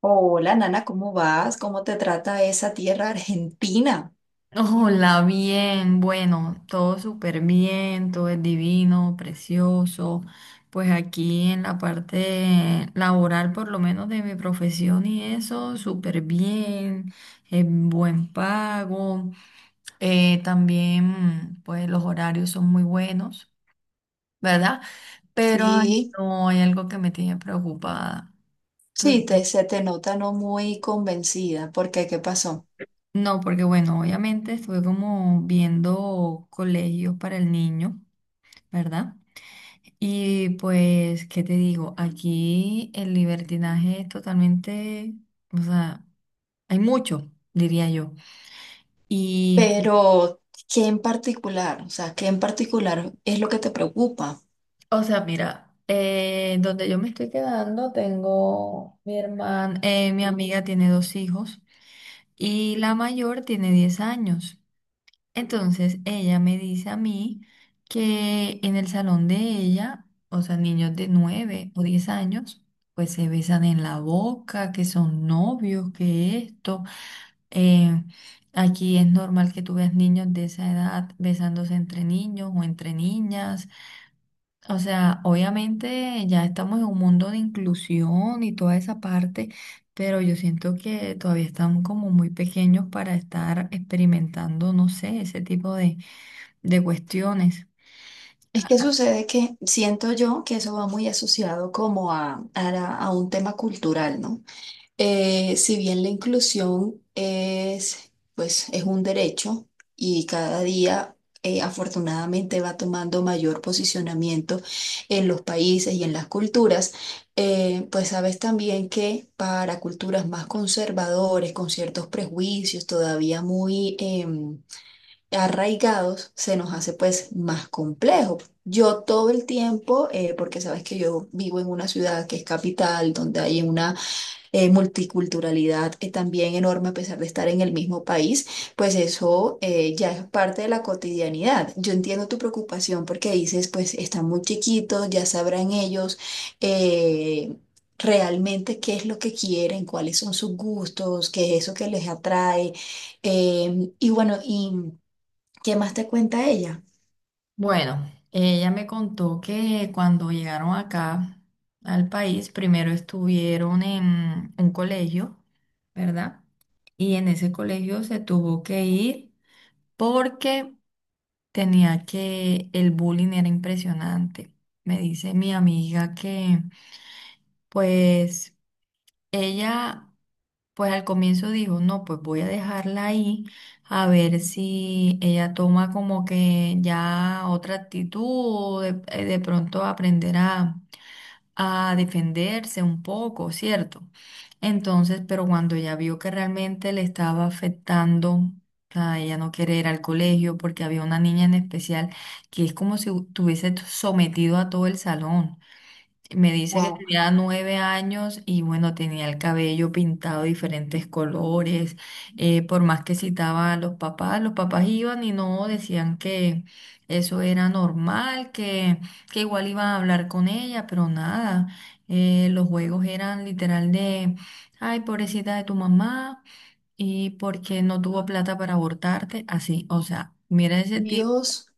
Hola, Nana, ¿cómo vas? ¿Cómo te trata esa tierra argentina? Hola, bien, bueno, todo súper bien, todo es divino, precioso. Pues aquí en la parte laboral, por lo menos de mi profesión y eso, súper bien, buen pago. También, pues los horarios son muy buenos, ¿verdad? Pero ay, Sí, no hay algo que me tiene preocupada. Tú- sí, se te nota no muy convencida, porque ¿Qué pasó? no, porque bueno, obviamente estuve como viendo colegios para el niño, ¿verdad? Y pues, ¿qué te digo? Aquí el libertinaje es totalmente, o sea, hay mucho, diría yo. Y, Pero, ¿qué en particular? O sea, ¿qué en particular es lo que te preocupa? o sea, mira, donde yo me estoy quedando, tengo mi hermana, mi amiga tiene dos hijos y la mayor tiene 10 años. Entonces ella me dice a mí que en el salón de ella, o sea, niños de 9 o 10 años, pues se besan en la boca, que son novios, que esto. eh, Aquí es normal que tú veas niños de esa edad besándose entre niños o entre niñas. O sea, obviamente ya estamos en un mundo de inclusión y toda esa parte, pero yo siento que todavía están como muy pequeños para estar experimentando, no sé, ese tipo de cuestiones. Es que sucede que siento yo que eso va muy asociado como a un tema cultural, ¿no? Si bien la inclusión es, pues, es un derecho y cada día afortunadamente va tomando mayor posicionamiento en los países y en las culturas, pues sabes también que para culturas más conservadores, con ciertos prejuicios todavía muy arraigados, se nos hace pues más complejo. Yo todo el tiempo, porque sabes que yo vivo en una ciudad que es capital, donde hay una multiculturalidad también enorme a pesar de estar en el mismo país, pues eso ya es parte de la cotidianidad. Yo entiendo tu preocupación porque dices, pues están muy chiquitos, ya sabrán ellos. eh, Realmente qué es lo que quieren, cuáles son sus gustos, qué es eso que les atrae. Y bueno, ¿y qué más te cuenta ella? Bueno, ella me contó que cuando llegaron acá al país, primero estuvieron en un colegio, ¿verdad? Y en ese colegio se tuvo que ir porque tenía que, el bullying era impresionante. Me dice mi amiga que, pues, ella pues al comienzo dijo, no, pues voy a dejarla ahí a ver si ella toma como que ya otra actitud o de pronto aprender a defenderse un poco, ¿cierto? Entonces, pero cuando ella vio que realmente le estaba afectando, o sea, ella no quiere ir al colegio porque había una niña en especial que es como si estuviese sometido a todo el salón. Me dice que Wow. tenía 9 años y bueno, tenía el cabello pintado de diferentes colores. Por más que citaba a los papás iban y no decían que eso era normal, que igual iban a hablar con ella, pero nada. Los juegos eran literal de, ay, pobrecita de tu mamá y porque no tuvo plata para abortarte, así. O sea, mira ese tipo, Dios,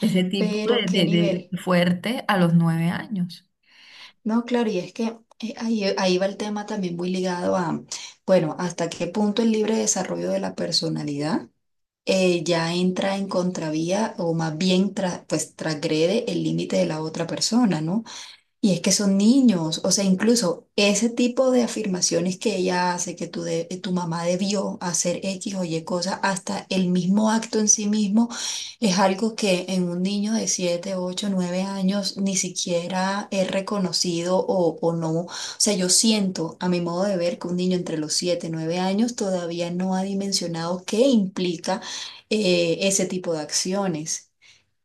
ese tipo pero de, qué de nivel. de fuerte a los 9 años. No, claro, y es que ahí va el tema también muy ligado a, bueno, hasta qué punto el libre desarrollo de la personalidad ya entra en contravía o más bien pues transgrede el límite de la otra persona, ¿no? Y es que son niños, o sea, incluso ese tipo de afirmaciones que ella hace, que tu mamá debió hacer X o Y cosa, hasta el mismo acto en sí mismo, es algo que en un niño de 7 8 9 años ni siquiera es reconocido o no. O sea, yo siento, a mi modo de ver, que un niño entre los 7 9 años todavía no ha dimensionado qué implica ese tipo de acciones.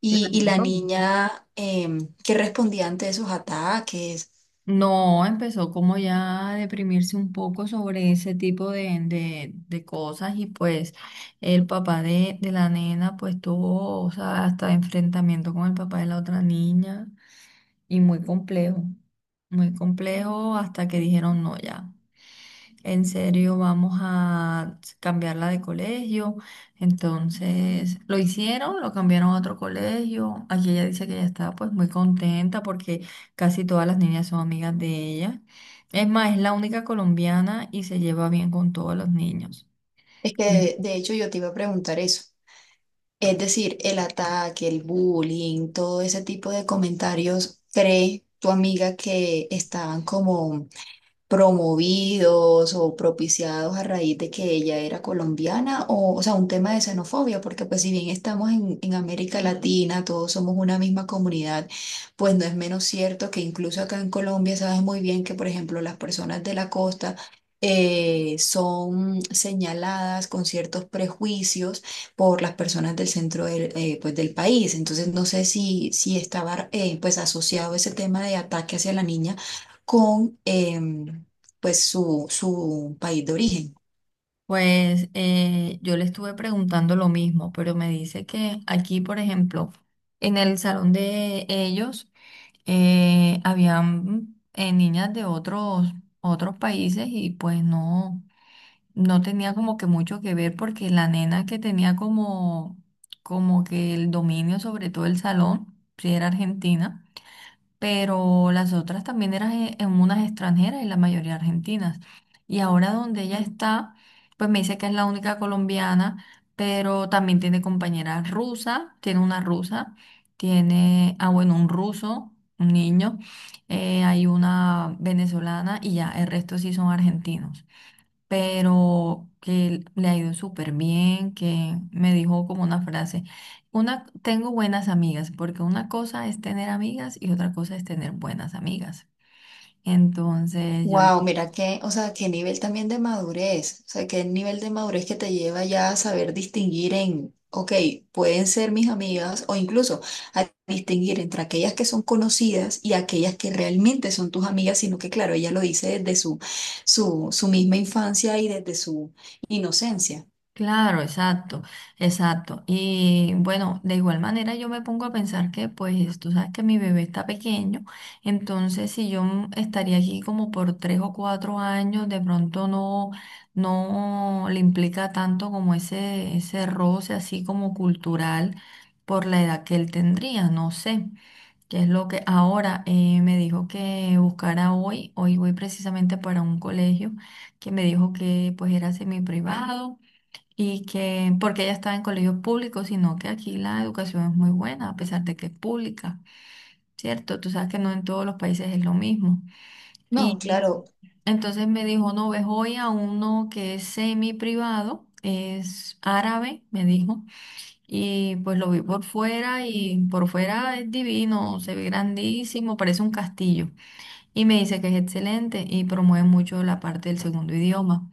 Y la Claro. niña, ¿que respondía ante esos ataques? No, empezó como ya a deprimirse un poco sobre ese tipo de cosas y pues el papá de la nena pues tuvo, o sea, hasta enfrentamiento con el papá de la otra niña y muy complejo hasta que dijeron no ya. En serio, vamos a cambiarla de colegio. Entonces, lo hicieron, lo cambiaron a otro colegio. Aquí ella dice que ella está pues muy contenta porque casi todas las niñas son amigas de ella. Es más, es la única colombiana y se lleva bien con todos los niños. Es que de hecho yo te iba a preguntar eso. Es decir, el ataque, el bullying, todo ese tipo de comentarios, ¿cree tu amiga que estaban como promovidos o propiciados a raíz de que ella era colombiana, o sea, un tema de xenofobia, porque pues si bien estamos en América Latina, todos somos una misma comunidad, pues no es menos cierto que incluso acá en Colombia sabes muy bien que, por ejemplo, las personas de la costa, son señaladas con ciertos prejuicios por las personas del centro pues, del país. Entonces, no sé si, estaba pues asociado ese tema de ataque hacia la niña con pues su país de origen. Pues yo le estuve preguntando lo mismo, pero me dice que aquí, por ejemplo, en el salón de ellos, habían niñas de otros países y pues no, no tenía como que mucho que ver porque la nena que tenía como que el dominio sobre todo el salón, si era argentina pero las otras también eran en unas extranjeras y la mayoría argentinas. Y ahora donde ella está, pues me dice que es la única colombiana, pero también tiene compañeras rusas, tiene una rusa, tiene, ah, bueno, un ruso, un niño, hay una venezolana y ya, el resto sí son argentinos pero que le ha ido súper bien, que me dijo como una frase, una, tengo buenas amigas, porque una cosa es tener amigas y otra cosa es tener buenas amigas. Entonces yo le. Wow, mira qué, o sea, qué nivel también de madurez, o sea, qué nivel de madurez que te lleva ya a saber distinguir en, ok, pueden ser mis amigas o incluso a distinguir entre aquellas que son conocidas y aquellas que realmente son tus amigas, sino que claro, ella lo dice desde su misma infancia y desde su inocencia. Claro, exacto, exacto. Y bueno, de igual manera yo me pongo a pensar que pues tú sabes que mi bebé está pequeño, entonces si yo estaría aquí como por 3 o 4 años, de pronto no, no le implica tanto como ese roce así como cultural por la edad que él tendría, no sé. Qué es lo que ahora me dijo que buscara hoy. Hoy voy precisamente para un colegio que me dijo que pues era semi privado y que porque ella estaba en colegios públicos, sino que aquí la educación es muy buena, a pesar de que es pública, ¿cierto? Tú sabes que no en todos los países es lo mismo. No, Y claro. entonces me dijo, no, ves hoy a uno que es semi privado. Es árabe, me dijo, y pues lo vi por fuera y por fuera es divino, se ve grandísimo, parece un castillo. Y me dice que es excelente y promueve mucho la parte del segundo idioma.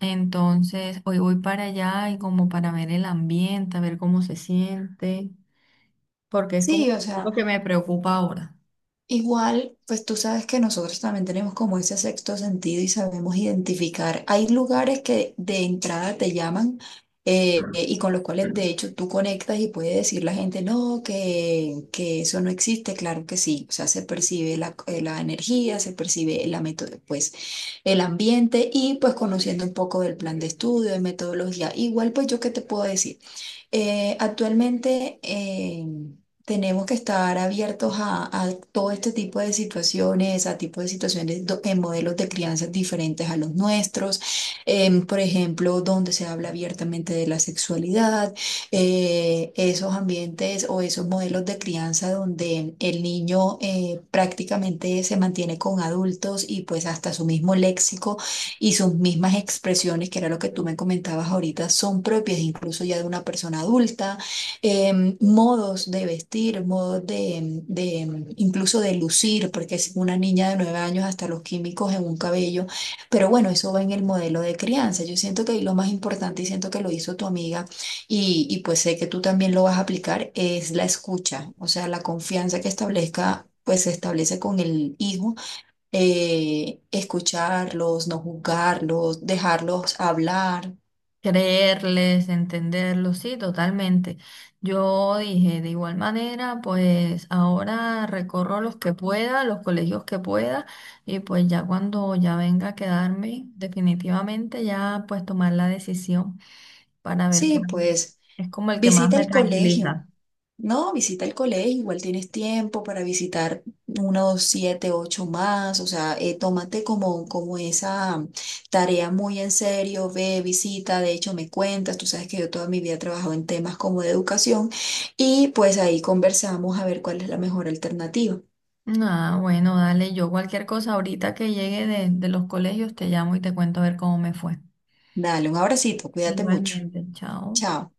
Entonces, hoy voy para allá y como para ver el ambiente, a ver cómo se siente, porque es Sí, como o sea. lo que me preocupa ahora. Igual, pues tú sabes que nosotros también tenemos como ese sexto sentido y sabemos identificar. Hay lugares que de entrada te llaman y con los cuales de hecho tú conectas y puede decir la gente, no, que eso no existe. Claro que sí, o sea, se percibe la energía, se percibe la pues, el ambiente y pues conociendo un poco del plan de estudio, de metodología. Igual, pues yo qué te puedo decir. Actualmente tenemos que estar abiertos a todo este tipo de situaciones, a tipo de situaciones en modelos de crianza diferentes a los nuestros, por ejemplo, donde se habla abiertamente de la sexualidad, esos ambientes o esos modelos de crianza donde el niño prácticamente se mantiene con adultos y pues hasta su mismo léxico y sus mismas expresiones, que era lo que tú me comentabas ahorita, son propias incluso ya de una persona adulta, modos de vestir, modos incluso de lucir, porque es una niña de 9 años hasta los químicos en un cabello, pero bueno, eso va en el modelo de crianza. Yo siento que ahí lo más importante y siento que lo hizo tu amiga y pues sé que tú también lo vas a aplicar, es la escucha, o sea, la confianza que establezca, pues se establece con el hijo escucharlos, no juzgarlos, dejarlos hablar. Creerles, entenderlos, sí, totalmente. Yo dije, de igual manera, pues ahora recorro los que pueda, los colegios que pueda, y pues ya cuando ya venga a quedarme, definitivamente ya pues tomar la decisión para ver Sí, cuál pues es como el que más visita me el colegio, tranquiliza. ¿no? Visita el colegio, igual tienes tiempo para visitar unos siete, ocho más, o sea, tómate como, como esa tarea muy en serio, ve, visita, de hecho me cuentas, tú sabes que yo toda mi vida he trabajado en temas como de educación y pues ahí conversamos a ver cuál es la mejor alternativa. Ah, bueno, dale, yo cualquier cosa ahorita que llegue de los colegios te llamo y te cuento a ver cómo me fue. Dale un abracito, cuídate mucho. Igualmente. Chao. Chao.